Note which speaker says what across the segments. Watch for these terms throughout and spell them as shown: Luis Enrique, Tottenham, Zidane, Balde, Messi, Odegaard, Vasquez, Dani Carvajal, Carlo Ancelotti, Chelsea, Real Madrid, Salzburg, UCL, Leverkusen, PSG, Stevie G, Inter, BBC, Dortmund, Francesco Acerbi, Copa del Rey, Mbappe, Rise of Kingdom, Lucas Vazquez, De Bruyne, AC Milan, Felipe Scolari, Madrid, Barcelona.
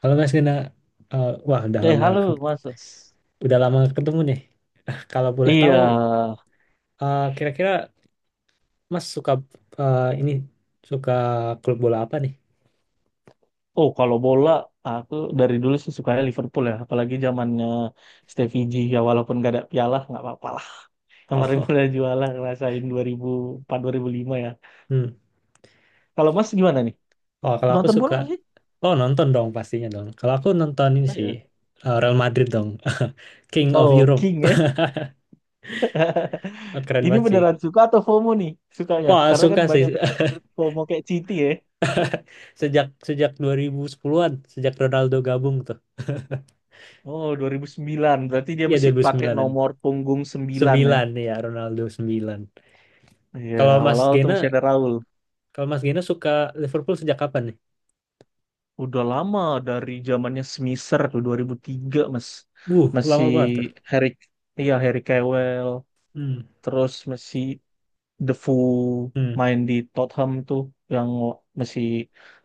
Speaker 1: Kalau Mas Gena, wah udah lama
Speaker 2: Halo, Mas.
Speaker 1: udah lama nggak ketemu nih. Kalau boleh
Speaker 2: Iya.
Speaker 1: tahu, kira-kira Mas suka eh, ini suka klub bola apa nih?
Speaker 2: Oh, kalau bola, aku dari dulu sih sukanya Liverpool ya. Apalagi zamannya Stevie G. Ya, walaupun gak ada piala, nggak apa-apa lah. Kemarin
Speaker 1: Oh,
Speaker 2: udah juara, ngerasain dua dua ribu empat dua ribu lima ya.
Speaker 1: hmm.
Speaker 2: Kalau Mas gimana nih?
Speaker 1: Oh, kalau aku
Speaker 2: Nonton bola
Speaker 1: suka,
Speaker 2: nggak sih?
Speaker 1: oh nonton dong pastinya dong. Kalau aku nonton ini
Speaker 2: Oh,
Speaker 1: sih
Speaker 2: iya.
Speaker 1: Real Madrid dong, King of
Speaker 2: Oh,
Speaker 1: Europe,
Speaker 2: King ya.
Speaker 1: keren
Speaker 2: Ini
Speaker 1: banget sih.
Speaker 2: beneran suka atau FOMO nih sukanya?
Speaker 1: Wah
Speaker 2: Karena kan
Speaker 1: suka sih
Speaker 2: banyak fans Madrid FOMO kayak City ya.
Speaker 1: sejak sejak 2010-an, sejak Ronaldo gabung tuh.
Speaker 2: Oh, 2009. Berarti dia
Speaker 1: Iya
Speaker 2: masih pakai
Speaker 1: 2009-an.
Speaker 2: nomor punggung 9 ya.
Speaker 1: Sembilan ya Ronaldo 9.
Speaker 2: Iya,
Speaker 1: Kalau Mas
Speaker 2: awal-awal tuh
Speaker 1: Gena
Speaker 2: masih ada Raul.
Speaker 1: Kalau Mas Gena suka Liverpool sejak kapan nih?
Speaker 2: Udah lama dari zamannya Smisser tuh 2003 Mas.
Speaker 1: Wuh, lama
Speaker 2: Masih
Speaker 1: banget tuh.
Speaker 2: Harry, iya Harry Kewell,
Speaker 1: Hmm,
Speaker 2: terus masih Defoe
Speaker 1: hmm,
Speaker 2: main di Tottenham tuh yang masih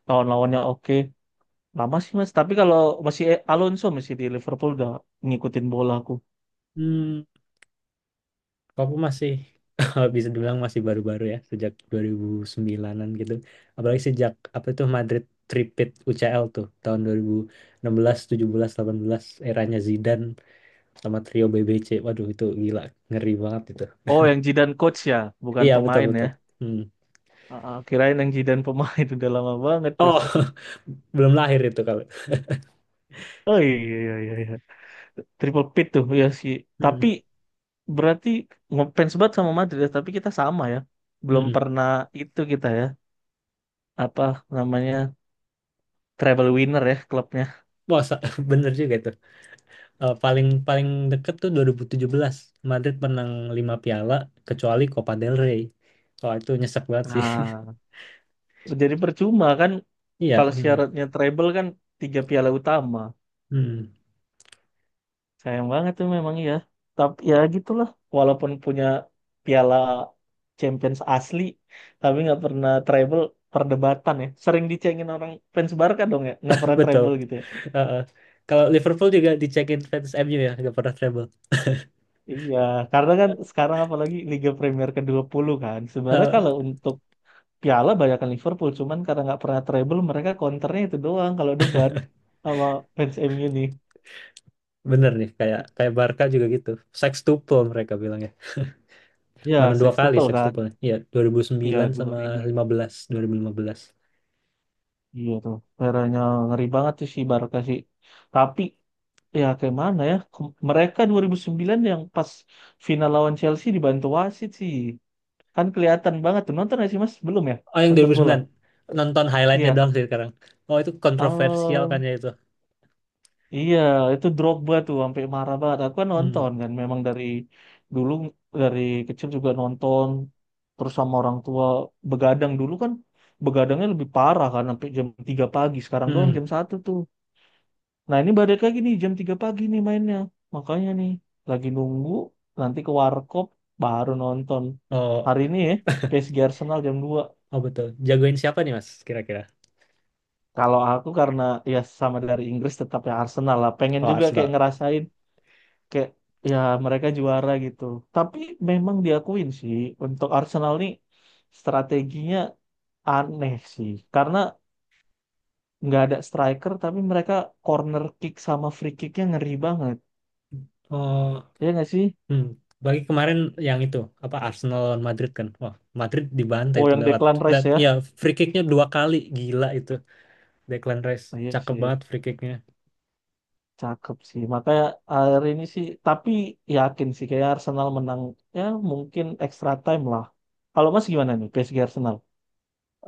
Speaker 2: lawan-lawannya oke. Lama sih Mas, tapi kalau masih Alonso masih di Liverpool udah ngikutin bola aku.
Speaker 1: hmm. Kalau aku masih bisa dibilang masih baru-baru ya, sejak 2009-an gitu. Apalagi sejak apa itu Madrid Tripit UCL tuh tahun dua ribu enam belas, tujuh belas, delapan belas. Eranya Zidane sama trio BBC. Waduh, itu gila, ngeri banget itu.
Speaker 2: Oh, yang Zidane coach ya, bukan
Speaker 1: Iya, betul
Speaker 2: pemain ya.
Speaker 1: betul. Hmm.
Speaker 2: Kirain yang Zidane pemain udah lama banget tuh.
Speaker 1: Oh, belum lahir itu kalau.
Speaker 2: Oh, iya, iya, iya, iya. Triple pit tuh ya sih. Tapi
Speaker 1: Hmm.
Speaker 2: berarti ngefans banget sama Madrid ya, tapi kita sama ya. Belum
Speaker 1: Hmm.
Speaker 2: pernah itu kita ya, apa namanya, treble winner ya klubnya.
Speaker 1: Wah, bener juga itu. Eh, paling paling deket tuh 2017 Madrid menang 5 piala kecuali Copa del Rey. Kalau itu nyesek banget sih.
Speaker 2: Nah, jadi percuma kan
Speaker 1: Iya,
Speaker 2: kalau
Speaker 1: hmm,
Speaker 2: syaratnya treble kan tiga piala utama.
Speaker 1: hmm,
Speaker 2: Sayang banget tuh memang ya. Tapi ya gitulah, walaupun punya piala Champions asli, tapi nggak pernah treble perdebatan ya. Sering dicengin orang fans Barca dong ya, nggak pernah
Speaker 1: betul.
Speaker 2: treble gitu ya.
Speaker 1: Eh, eh. Kalau Liverpool juga dicekin fans MU ya, nggak pernah treble.
Speaker 2: Iya, karena kan sekarang apalagi Liga Premier ke puluh kan. Sebenarnya
Speaker 1: Eh,
Speaker 2: kalau untuk piala banyakkan Liverpool, cuman karena nggak pernah treble mereka counternya itu doang kalau debat sama fans MU nih.
Speaker 1: Bener nih, kayak kayak Barca juga gitu. Sextuple mereka bilang ya. Mana
Speaker 2: Ya,
Speaker 1: dua kali
Speaker 2: sextuple
Speaker 1: sextuple?
Speaker 2: kan.
Speaker 1: Iya, dua ribu
Speaker 2: Ya
Speaker 1: sembilan
Speaker 2: dua
Speaker 1: sama
Speaker 2: ribu.
Speaker 1: lima belas dua ribu lima belas.
Speaker 2: Iya tuh. Eranya ngeri banget tuh si Barca sih. Tapi ya kayak mana ya? Mereka 2009 yang pas final lawan Chelsea dibantu wasit sih. Kan kelihatan banget tuh. Nonton nggak sih Mas? Belum ya?
Speaker 1: Oh, yang dua
Speaker 2: Nonton
Speaker 1: ribu
Speaker 2: bola.
Speaker 1: sembilan. Nonton highlightnya
Speaker 2: Iya.
Speaker 1: doang sih sekarang. Oh, itu kontroversial kan
Speaker 2: Eh,
Speaker 1: ya itu.
Speaker 2: Iya, itu Drogba tuh sampai marah banget. Aku kan
Speaker 1: Hmm.
Speaker 2: nonton kan, memang dari dulu dari kecil juga nonton terus sama orang tua begadang dulu kan begadangnya lebih parah kan sampai jam 3 pagi. Sekarang doang
Speaker 1: Hmm.
Speaker 2: jam satu tuh. Nah, ini balik lagi nih jam 3 pagi nih mainnya. Makanya nih lagi nunggu nanti ke warkop baru nonton.
Speaker 1: Oh.
Speaker 2: Hari ini ya PSG Arsenal jam 2.
Speaker 1: Oh betul. Jagoin siapa nih Mas kira-kira?
Speaker 2: Kalau aku karena ya sama dari Inggris tetap ya Arsenal lah. Pengen
Speaker 1: Oh
Speaker 2: juga kayak
Speaker 1: Arsenal.
Speaker 2: ngerasain kayak ya mereka juara gitu. Tapi memang diakuin sih untuk Arsenal nih strateginya aneh sih karena nggak ada striker tapi mereka corner kick sama free kicknya ngeri banget.
Speaker 1: Oh,
Speaker 2: Ya nggak sih?
Speaker 1: hmm. Bagi kemarin yang itu apa Arsenal lawan Madrid kan? Wah Madrid dibantai
Speaker 2: Oh,
Speaker 1: itu
Speaker 2: yang
Speaker 1: lewat,
Speaker 2: Declan
Speaker 1: lewat
Speaker 2: Rice ya?
Speaker 1: ya free kicknya dua kali gila itu Declan Rice
Speaker 2: Iya
Speaker 1: cakep
Speaker 2: sih,
Speaker 1: banget free kicknya.
Speaker 2: cakep sih. Makanya akhir ini sih tapi yakin sih kayak Arsenal menang ya mungkin extra time lah. Kalau Mas gimana nih PSG Arsenal?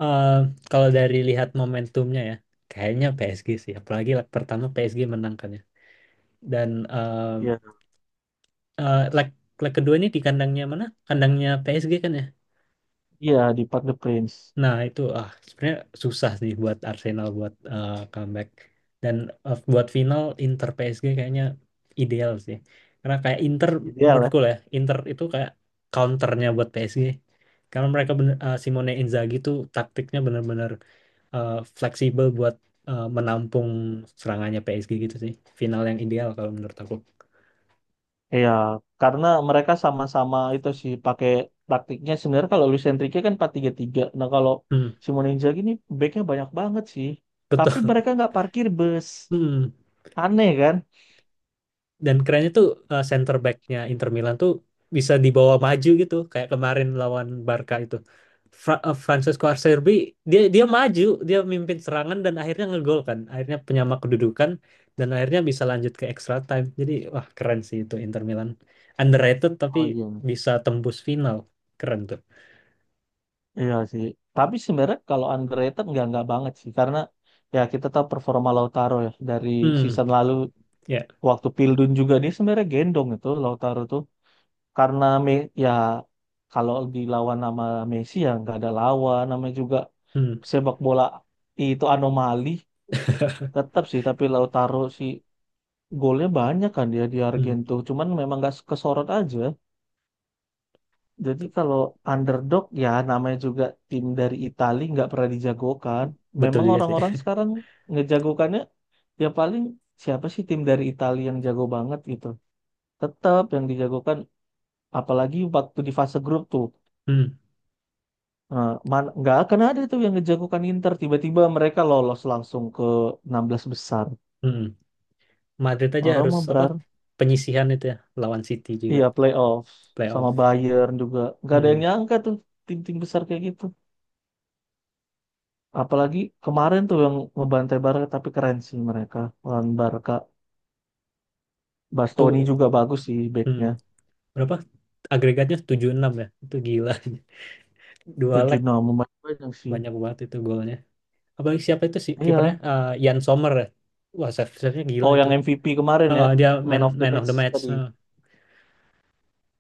Speaker 1: Eh, Kalau dari lihat momentumnya ya, kayaknya PSG sih. Apalagi leg pertama PSG menang kan ya. Dan
Speaker 2: Iya.
Speaker 1: leg leg kedua ini di kandangnya mana? Kandangnya PSG kan ya?
Speaker 2: Iya di Park the Prince.
Speaker 1: Nah, itu ah sebenarnya susah sih buat Arsenal buat comeback dan buat final Inter PSG kayaknya ideal sih. Karena kayak Inter
Speaker 2: Ideal ya.
Speaker 1: menurutku lah ya, Inter itu kayak counternya buat PSG. Karena mereka bener, Simone Inzaghi tuh taktiknya benar-benar eh, fleksibel buat menampung serangannya PSG gitu sih. Final yang ideal kalau menurut aku.
Speaker 2: Iya, karena mereka sama-sama itu sih pakai taktiknya sebenarnya kalau Luis Enrique kan 4-3-3. Nah, kalau
Speaker 1: Hmm,
Speaker 2: Simone Inzaghi ini backnya banyak banget sih. Tapi
Speaker 1: betul.
Speaker 2: mereka nggak parkir bus.
Speaker 1: Hmm.
Speaker 2: Aneh kan?
Speaker 1: Dan kerennya tuh center back-nya Inter Milan tuh bisa dibawa maju gitu kayak kemarin lawan Barca itu Francesco Acerbi, dia dia maju, dia mimpin serangan dan akhirnya ngegol kan, akhirnya penyama kedudukan dan akhirnya bisa lanjut ke extra time, jadi wah keren sih itu Inter Milan, underrated tapi
Speaker 2: Oh, iya.
Speaker 1: bisa tembus final, keren tuh.
Speaker 2: Iya sih. Tapi sebenarnya kalau underrated nggak banget sih karena ya kita tahu performa Lautaro ya dari
Speaker 1: Hmm.
Speaker 2: season lalu
Speaker 1: Ya.
Speaker 2: waktu Pildun juga dia sebenarnya gendong itu Lautaro tuh. Karena Me ya kalau dilawan nama Messi ya nggak ada lawan namanya juga
Speaker 1: Hmm.
Speaker 2: sepak bola itu anomali tetap sih tapi Lautaro si golnya banyak kan dia di
Speaker 1: Hmm.
Speaker 2: Argento cuman memang nggak kesorot aja jadi
Speaker 1: Tuh,
Speaker 2: kalau underdog ya namanya juga tim dari Italia nggak pernah dijagokan
Speaker 1: betul
Speaker 2: memang
Speaker 1: juga sih.
Speaker 2: orang-orang sekarang ngejagokannya ya paling siapa sih tim dari Italia yang jago banget gitu tetap yang dijagokan apalagi waktu di fase grup tuh.
Speaker 1: Hmm.
Speaker 2: Nggak akan ada tuh yang ngejagokan Inter tiba-tiba mereka lolos langsung ke 16 besar
Speaker 1: Hmm. Madrid aja
Speaker 2: orang
Speaker 1: harus
Speaker 2: mah
Speaker 1: apa
Speaker 2: berar
Speaker 1: penyisihan itu ya, lawan City juga
Speaker 2: iya playoff sama
Speaker 1: playoff.
Speaker 2: Bayern juga nggak ada yang
Speaker 1: Hmm,
Speaker 2: nyangka tuh tim-tim besar kayak gitu apalagi kemarin tuh yang ngebantai Barca tapi keren sih mereka lawan Barca Bastoni
Speaker 1: itu
Speaker 2: juga bagus sih
Speaker 1: hmm,
Speaker 2: backnya
Speaker 1: berapa agregatnya tujuh enam ya itu gila. Dua
Speaker 2: tujuh
Speaker 1: leg,
Speaker 2: 0 lumayan banyak sih
Speaker 1: banyak banget itu golnya. Apalagi siapa itu sih
Speaker 2: iya
Speaker 1: kipernya? Jan Sommer ya, wah save save-nya gila
Speaker 2: oh
Speaker 1: itu.
Speaker 2: yang MVP kemarin ya
Speaker 1: Dia man
Speaker 2: man of the
Speaker 1: man of
Speaker 2: match
Speaker 1: the match.
Speaker 2: tadi
Speaker 1: Eh,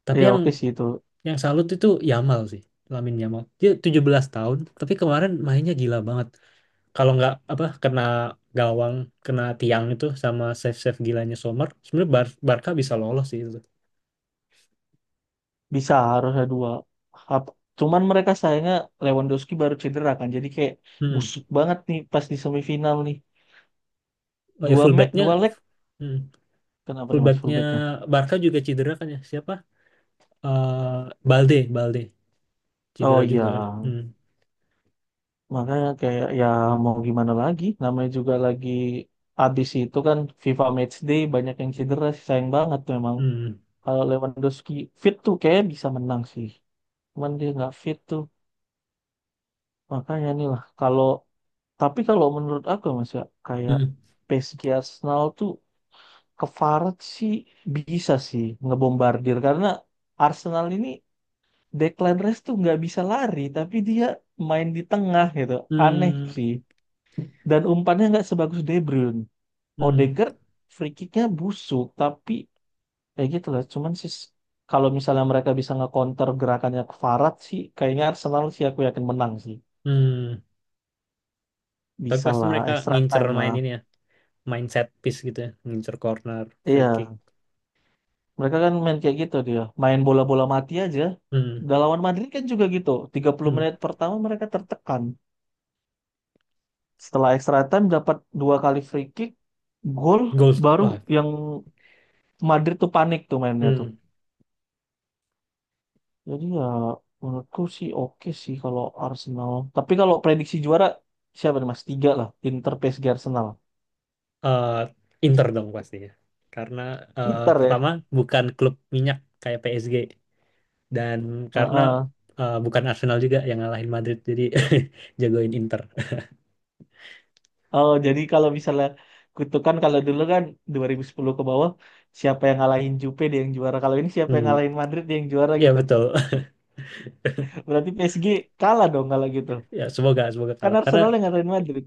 Speaker 1: tapi
Speaker 2: iya
Speaker 1: yang
Speaker 2: oke sih itu.
Speaker 1: yang salut itu Yamal sih, Lamin Yamal, dia 17 tahun tapi kemarin mainnya gila banget. Kalau nggak apa kena gawang, kena tiang itu sama save save gilanya Sommer sebenarnya Barca bisa lolos sih itu.
Speaker 2: Bisa harusnya dua. Hap- Cuman mereka sayangnya Lewandowski baru cedera kan. Jadi kayak
Speaker 1: Hmm.
Speaker 2: busuk banget nih pas di semifinal nih.
Speaker 1: Oh ya
Speaker 2: Dua me
Speaker 1: fullbacknya.
Speaker 2: dua leg.
Speaker 1: Hmm.
Speaker 2: Kenapa nih Mas
Speaker 1: Fullbacknya
Speaker 2: fullbacknya?
Speaker 1: Barca juga cedera kan ya? Siapa? Eh Balde
Speaker 2: Oh,
Speaker 1: cedera
Speaker 2: iya.
Speaker 1: juga kan? Hmm.
Speaker 2: Makanya kayak ya mau gimana lagi. Namanya juga lagi abis itu kan FIFA Matchday banyak yang cedera sih. Sayang banget memang.
Speaker 1: Hmm.
Speaker 2: Kalau Lewandowski fit tuh kayak bisa menang sih. Cuman dia nggak fit tuh. Makanya nih lah. Kalau tapi kalau menurut aku ya, Mas ya kayak
Speaker 1: Hmm.
Speaker 2: PSG Arsenal tuh ke Farad sih bisa sih ngebombardir karena Arsenal ini Declan Rice tuh nggak bisa lari tapi dia main di tengah gitu aneh
Speaker 1: Hmm.
Speaker 2: sih dan umpannya nggak sebagus De Bruyne
Speaker 1: Hmm.
Speaker 2: Odegaard free kicknya busuk tapi ya gitu lah cuman sih kalau misalnya mereka bisa nge-counter gerakannya ke Farad sih kayaknya Arsenal sih aku yakin menang sih
Speaker 1: Hmm. Tapi
Speaker 2: bisa
Speaker 1: pasti
Speaker 2: lah
Speaker 1: mereka
Speaker 2: extra
Speaker 1: ngincer
Speaker 2: time
Speaker 1: main
Speaker 2: lah.
Speaker 1: ini ya, main set piece gitu ya, ngincer corner, free kick.
Speaker 2: Iya. Mereka kan main kayak gitu dia. Main bola-bola mati aja.
Speaker 1: Hmm.
Speaker 2: Udah lawan Madrid kan juga gitu. Tiga puluh
Speaker 1: Hmm.
Speaker 2: menit pertama mereka tertekan. Setelah extra time dapat dua kali free kick, gol
Speaker 1: Goal
Speaker 2: baru
Speaker 1: wah.
Speaker 2: yang Madrid tuh panik tuh mainnya tuh.
Speaker 1: Hmm.
Speaker 2: Jadi ya menurutku sih oke sih kalau Arsenal. Tapi kalau prediksi juara siapa nih Mas? Tiga lah. Inter, PSG, Arsenal.
Speaker 1: Eh, Inter dong pastinya. Karena
Speaker 2: Inter ya.
Speaker 1: pertama bukan klub minyak kayak PSG dan karena
Speaker 2: Heeh.
Speaker 1: bukan Arsenal juga yang ngalahin Madrid, jadi jagoin Inter.
Speaker 2: Oh, jadi kalau misalnya kutukan kalau dulu kan 2010 ke bawah siapa yang ngalahin Jupe dia yang juara. Kalau ini siapa yang
Speaker 1: Hmm,
Speaker 2: ngalahin Madrid dia yang juara
Speaker 1: ya
Speaker 2: gitu.
Speaker 1: betul.
Speaker 2: Berarti PSG kalah dong kalau gitu.
Speaker 1: Ya, semoga semoga
Speaker 2: Kan
Speaker 1: kalah. Karena
Speaker 2: Arsenal yang ngalahin Madrid.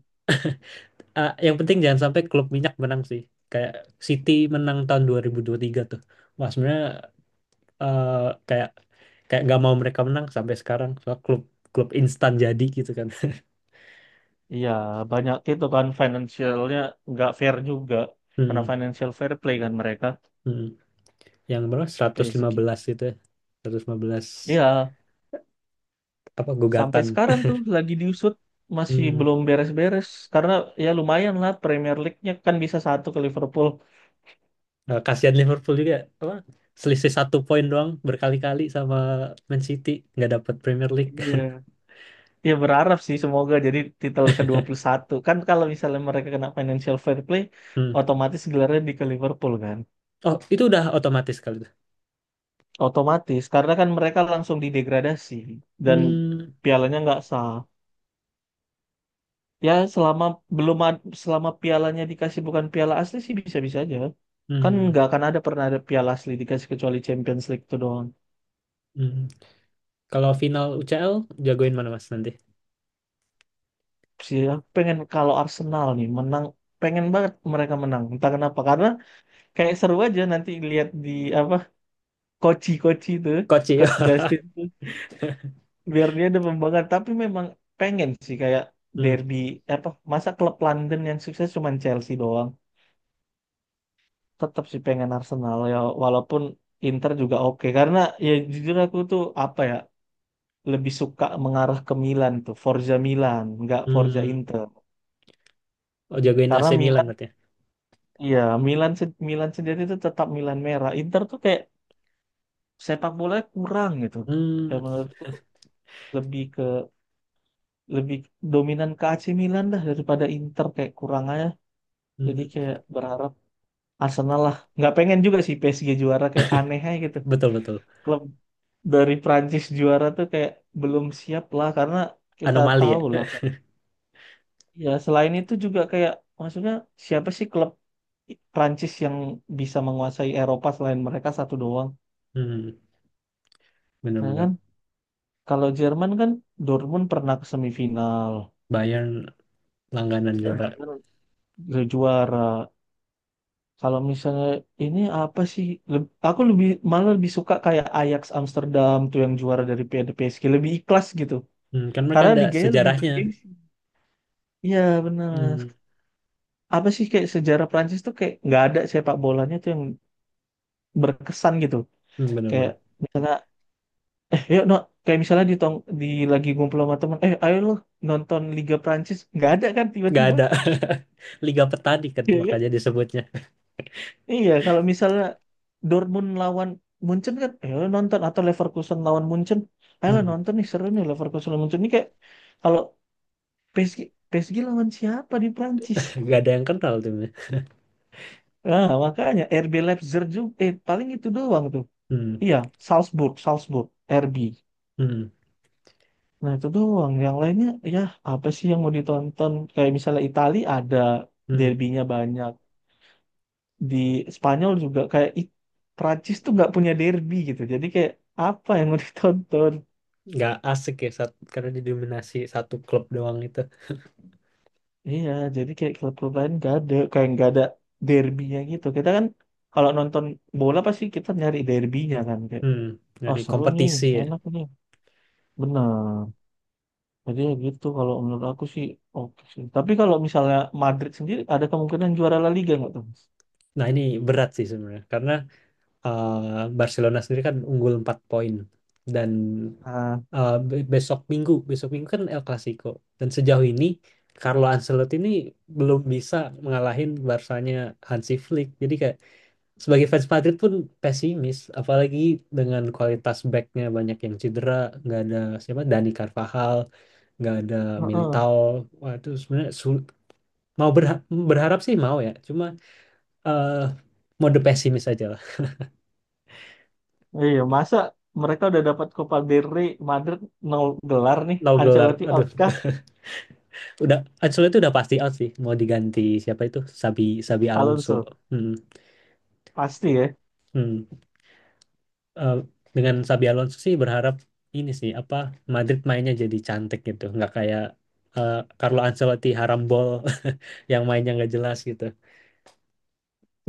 Speaker 1: yang penting jangan sampai klub minyak menang sih. Kayak City menang tahun 2023 tuh. Wah, sebenarnya kayak kayak nggak mau mereka menang sampai sekarang. Soal klub klub instan jadi gitu kan.
Speaker 2: Iya, banyak itu kan financialnya nggak fair juga. Karena
Speaker 1: Hmm,
Speaker 2: financial fair play kan mereka
Speaker 1: hmm. Yang berapa?
Speaker 2: PSG.
Speaker 1: 115 gitu ya. Seratus lima belas
Speaker 2: Iya,
Speaker 1: apa
Speaker 2: sampai
Speaker 1: gugatan.
Speaker 2: sekarang tuh lagi diusut masih
Speaker 1: Hmm.
Speaker 2: belum beres-beres karena ya lumayan lah Premier League-nya kan bisa satu ke Liverpool.
Speaker 1: Nah, kasihan Liverpool juga, apa? Selisih satu poin doang berkali-kali sama Man City, nggak dapat Premier League.
Speaker 2: Iya. Ya berharap sih semoga jadi titel ke satu kan kalau misalnya mereka kena financial fair play
Speaker 1: Hmm.
Speaker 2: otomatis gelarnya di ke Liverpool kan
Speaker 1: Oh, itu udah otomatis kali itu.
Speaker 2: otomatis karena kan mereka langsung didegradasi dan
Speaker 1: Hmm.
Speaker 2: pialanya nggak sah ya selama belum ad- selama pialanya dikasih bukan piala asli sih bisa-bisa aja kan
Speaker 1: Hmm.
Speaker 2: nggak akan ada pernah ada piala asli dikasih kecuali Champions League itu doang
Speaker 1: Hmm. Kalau final UCL jagoin mana Mas nanti?
Speaker 2: sih ya. Pengen kalau Arsenal nih menang pengen banget mereka menang entah kenapa karena kayak seru aja nanti lihat di apa Koci Koci itu
Speaker 1: Koci.
Speaker 2: Coach Justin tuh biar dia ada pembanggaan tapi memang pengen sih kayak
Speaker 1: Hmm.
Speaker 2: derby apa masa klub London yang sukses cuman Chelsea doang tetap sih pengen Arsenal ya walaupun Inter juga oke karena ya jujur aku tuh apa ya lebih suka mengarah ke Milan tuh Forza Milan nggak Forza
Speaker 1: Hmm.
Speaker 2: Inter
Speaker 1: Oh, jagoin
Speaker 2: karena
Speaker 1: AC Milan
Speaker 2: Milan
Speaker 1: berarti. Ya?
Speaker 2: iya Milan Milan sendiri tuh tetap Milan merah Inter tuh kayak sepak bola kurang gitu ya
Speaker 1: Hmm.
Speaker 2: menurutku lebih lebih dominan ke AC Milan dah daripada Inter kayak kurang aja. Jadi
Speaker 1: Hmm.
Speaker 2: kayak berharap Arsenal lah. Nggak pengen juga sih PSG juara kayak aneh aja gitu.
Speaker 1: Betul betul.
Speaker 2: Klub dari Prancis juara tuh kayak belum siap lah karena kita
Speaker 1: Anomali ya.
Speaker 2: tahu lah kayak. Ya selain itu juga kayak maksudnya siapa sih klub Prancis yang bisa menguasai Eropa selain mereka satu doang.
Speaker 1: Hmm.
Speaker 2: Nah
Speaker 1: Benar-benar.
Speaker 2: kan kalau Jerman kan Dortmund pernah ke semifinal,
Speaker 1: Bayern langganan juga.
Speaker 2: Bayern juara. Kalau misalnya ini apa sih? Aku lebih malah lebih suka kayak Ajax Amsterdam tuh yang juara dari PSG lebih ikhlas gitu.
Speaker 1: Hmm. Kan mereka
Speaker 2: Karena
Speaker 1: ada
Speaker 2: liganya lebih
Speaker 1: sejarahnya.
Speaker 2: bergengsi. Iya benar.
Speaker 1: Hmm.
Speaker 2: Apa sih kayak sejarah Prancis tuh kayak nggak ada sepak bolanya tuh yang berkesan gitu.
Speaker 1: Hmm,
Speaker 2: Kayak
Speaker 1: benar-benar.
Speaker 2: misalnya yuk no kayak misalnya di tong di lagi ngumpul sama teman eh ayo lo nonton Liga Prancis nggak ada kan
Speaker 1: Gak
Speaker 2: tiba-tiba.
Speaker 1: ada Liga Petani kan
Speaker 2: Iya kan?
Speaker 1: makanya disebutnya.
Speaker 2: Iya, kalau misalnya Dortmund lawan Munchen kan, ayo nonton atau Leverkusen lawan Munchen, ayo
Speaker 1: Hmm.
Speaker 2: nonton nih seru nih Leverkusen lawan Munchen. Ini kayak kalau PSG PSG lawan siapa di Prancis?
Speaker 1: Gak ada yang kental timnya.
Speaker 2: Nah, makanya RB Leipzig juga, paling itu doang tuh.
Speaker 1: Hmm.
Speaker 2: Iya, Salzburg, Salzburg, RB.
Speaker 1: Hmm.
Speaker 2: Nah itu doang. Yang lainnya, ya apa sih yang mau ditonton? Kayak misalnya Itali ada
Speaker 1: Hmm.
Speaker 2: derbynya banyak. Di Spanyol juga kayak Prancis tuh nggak punya derby gitu. Jadi kayak apa yang mau ditonton.
Speaker 1: Gak asik ya saat karena didominasi satu klub doang itu.
Speaker 2: Iya, jadi kayak klub-klub lain gak ada, kayak nggak ada derbynya gitu. Kita kan kalau nonton bola pasti kita nyari derbynya kan kayak,
Speaker 1: Hmm.
Speaker 2: oh
Speaker 1: Dari
Speaker 2: seru nih,
Speaker 1: kompetisi ya.
Speaker 2: enak nih, benar. Jadi ya gitu kalau menurut aku sih oke sih. Tapi kalau misalnya Madrid sendiri ada kemungkinan juara La Liga nggak tuh? Mas?
Speaker 1: Nah, ini berat sih sebenarnya karena Barcelona sendiri kan unggul 4 poin dan
Speaker 2: Nah,
Speaker 1: besok Minggu kan El Clasico. Dan sejauh ini Carlo Ancelotti ini belum bisa mengalahin Barsanya Hansi Flick. Jadi kayak sebagai fans Madrid pun pesimis, apalagi dengan kualitas backnya banyak yang cedera, nggak ada siapa Dani Carvajal, nggak ada
Speaker 2: heeh.
Speaker 1: Militao. Wah, itu sebenarnya mau berha- berharap sih mau ya, cuma eh mode pesimis aja.
Speaker 2: Iya, masa mereka udah dapat Copa del Rey, Madrid nol gelar nih,
Speaker 1: No gelar.
Speaker 2: Ancelotti out
Speaker 1: Aduh,
Speaker 2: kah?
Speaker 1: udah Ancelotti itu udah pasti out sih. Mau diganti siapa itu? Sabi Sabi Alonso.
Speaker 2: Alonso
Speaker 1: Hmm,
Speaker 2: pasti ya.
Speaker 1: hmm. Eh, dengan Sabi Alonso sih berharap ini sih apa Madrid mainnya jadi cantik gitu, nggak kayak eh, Carlo Ancelotti harambol yang mainnya nggak jelas gitu.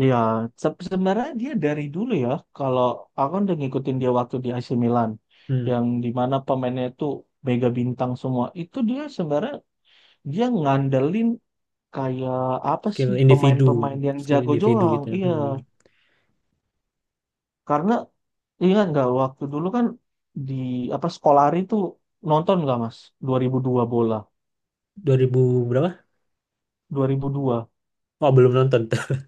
Speaker 2: Iya, sebenarnya dia dari dulu ya, kalau aku kan udah ngikutin dia waktu di AC Milan,
Speaker 1: Hmm,
Speaker 2: yang dimana pemainnya itu mega bintang semua, itu dia sebenarnya dia ngandelin kayak apa
Speaker 1: skill
Speaker 2: sih
Speaker 1: individu,
Speaker 2: pemain-pemain yang
Speaker 1: skill
Speaker 2: jago
Speaker 1: individu
Speaker 2: doang,
Speaker 1: gitu.
Speaker 2: iya.
Speaker 1: Hmm.
Speaker 2: Karena ingat nggak waktu dulu kan di apa Skolari itu nonton nggak Mas? 2002 bola,
Speaker 1: 2000 berapa?
Speaker 2: 2002.
Speaker 1: Oh, belum nonton. Tuh.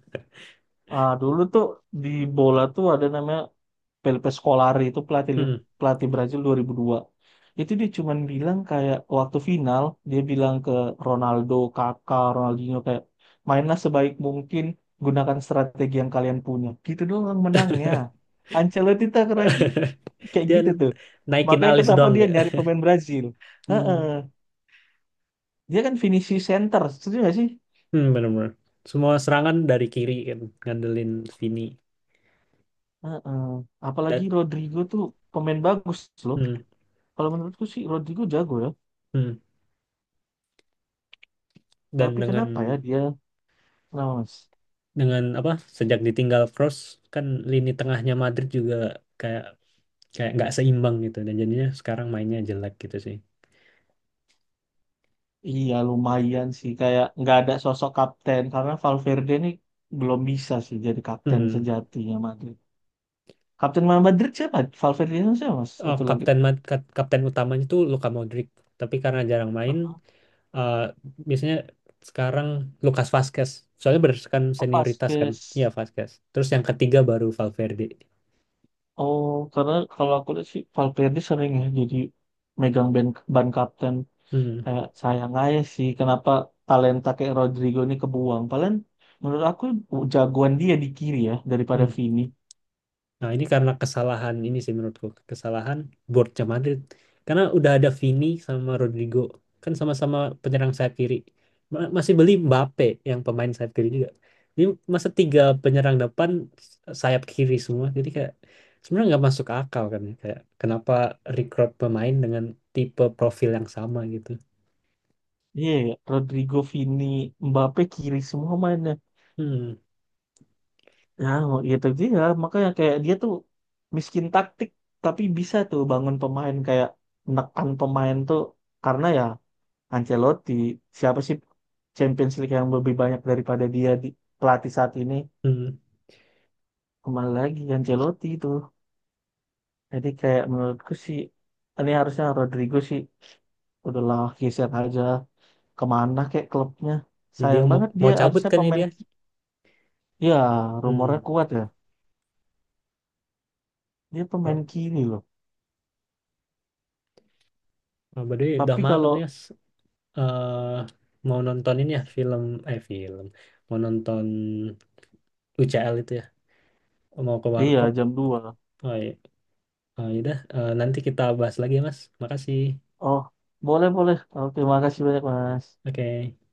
Speaker 2: Dulu tuh di bola tuh ada namanya Felipe Scolari itu pelatih
Speaker 1: Hmm.
Speaker 2: pelatih Brazil 2002 itu dia cuman bilang kayak waktu final dia bilang ke Ronaldo, Kakak, Ronaldinho kayak mainlah sebaik mungkin gunakan strategi yang kalian punya gitu doang menangnya Ancelotti tak keraki kayak
Speaker 1: Dia
Speaker 2: gitu tuh
Speaker 1: naikin
Speaker 2: makanya
Speaker 1: alis
Speaker 2: kenapa
Speaker 1: doang
Speaker 2: dia
Speaker 1: ya.
Speaker 2: nyari pemain Brazil. Heeh.
Speaker 1: Hmm.
Speaker 2: Dia kan finishing center setuju gak sih.
Speaker 1: Hmm, benar-benar. Semua serangan dari kiri kan ngandelin Vini
Speaker 2: Heeh. Apalagi
Speaker 1: dan
Speaker 2: Rodrigo tuh pemain bagus loh
Speaker 1: hmm,
Speaker 2: kalau menurutku sih Rodrigo jago ya
Speaker 1: hmm. dan
Speaker 2: tapi kenapa ya dia. Nah, Mas.
Speaker 1: dengan apa sejak ditinggal Cross kan lini tengahnya Madrid juga kayak kayak nggak seimbang gitu dan jadinya sekarang mainnya jelek gitu sih.
Speaker 2: Iya lumayan sih kayak nggak ada sosok kapten karena Valverde ini belum bisa sih jadi kapten
Speaker 1: Hmm.
Speaker 2: sejatinya Madrid. Kapten Madrid siapa? Valverde itu siapa Mas? Satu lagi.
Speaker 1: Kapten utamanya itu Luka Modric tapi karena jarang main, eh, biasanya sekarang Lucas Vazquez, soalnya berdasarkan
Speaker 2: Oh,
Speaker 1: senioritas kan, iya
Speaker 2: Vasquez.
Speaker 1: Vazquez, terus yang ketiga baru Valverde.
Speaker 2: Oh, karena kalau aku lihat sih Valverde sering ya jadi megang ban, ban kapten
Speaker 1: Hmm.
Speaker 2: kayak sayang aja sih kenapa talenta kayak Rodrigo ini kebuang. Paling menurut aku jagoan dia di kiri ya daripada
Speaker 1: Hmm.
Speaker 2: Vini.
Speaker 1: Nah, ini karena kesalahan ini sih menurutku, kesalahan boardnya Madrid. Karena udah ada Vini sama Rodrigo, kan sama-sama penyerang sayap kiri. Masih beli Mbappe yang pemain sayap kiri juga. Ini masa tiga penyerang depan sayap kiri semua, jadi kayak sebenarnya nggak masuk akal kan ya. Kayak kenapa rekrut pemain dengan tipe profil yang sama gitu.
Speaker 2: Iya, ya, Rodrigo, Vini, Mbappe kiri semua mainnya.
Speaker 1: Hmm,
Speaker 2: Ya, mau gitu dia. Makanya kayak dia tuh miskin taktik, tapi bisa tuh bangun pemain kayak menekan pemain tuh karena ya Ancelotti siapa sih Champions League yang lebih banyak daripada dia di pelatih saat ini
Speaker 1: hmm.
Speaker 2: kembali lagi Ancelotti itu. Jadi kayak menurutku sih ini harusnya Rodrigo sih udahlah geser aja kemana kayak klubnya.
Speaker 1: Jadi dia
Speaker 2: Sayang
Speaker 1: mau
Speaker 2: banget dia
Speaker 1: mau cabut
Speaker 2: harusnya
Speaker 1: kan ya dia.
Speaker 2: ya rumornya
Speaker 1: Hmm.
Speaker 2: kuat ya. Dia pemain
Speaker 1: Oh,
Speaker 2: kiri loh.
Speaker 1: oh, by the way, udah
Speaker 2: Tapi
Speaker 1: malam
Speaker 2: kalau
Speaker 1: nih, Yas. eh Mau nonton ini ya film mau nonton UCL itu ya, mau ke
Speaker 2: iya
Speaker 1: warkop.
Speaker 2: jam 2.
Speaker 1: Oh, iya. Oh, yaudah. Nanti kita bahas lagi ya Mas, makasih.
Speaker 2: Oh, boleh boleh. Oke, makasih banyak Mas.
Speaker 1: Oke.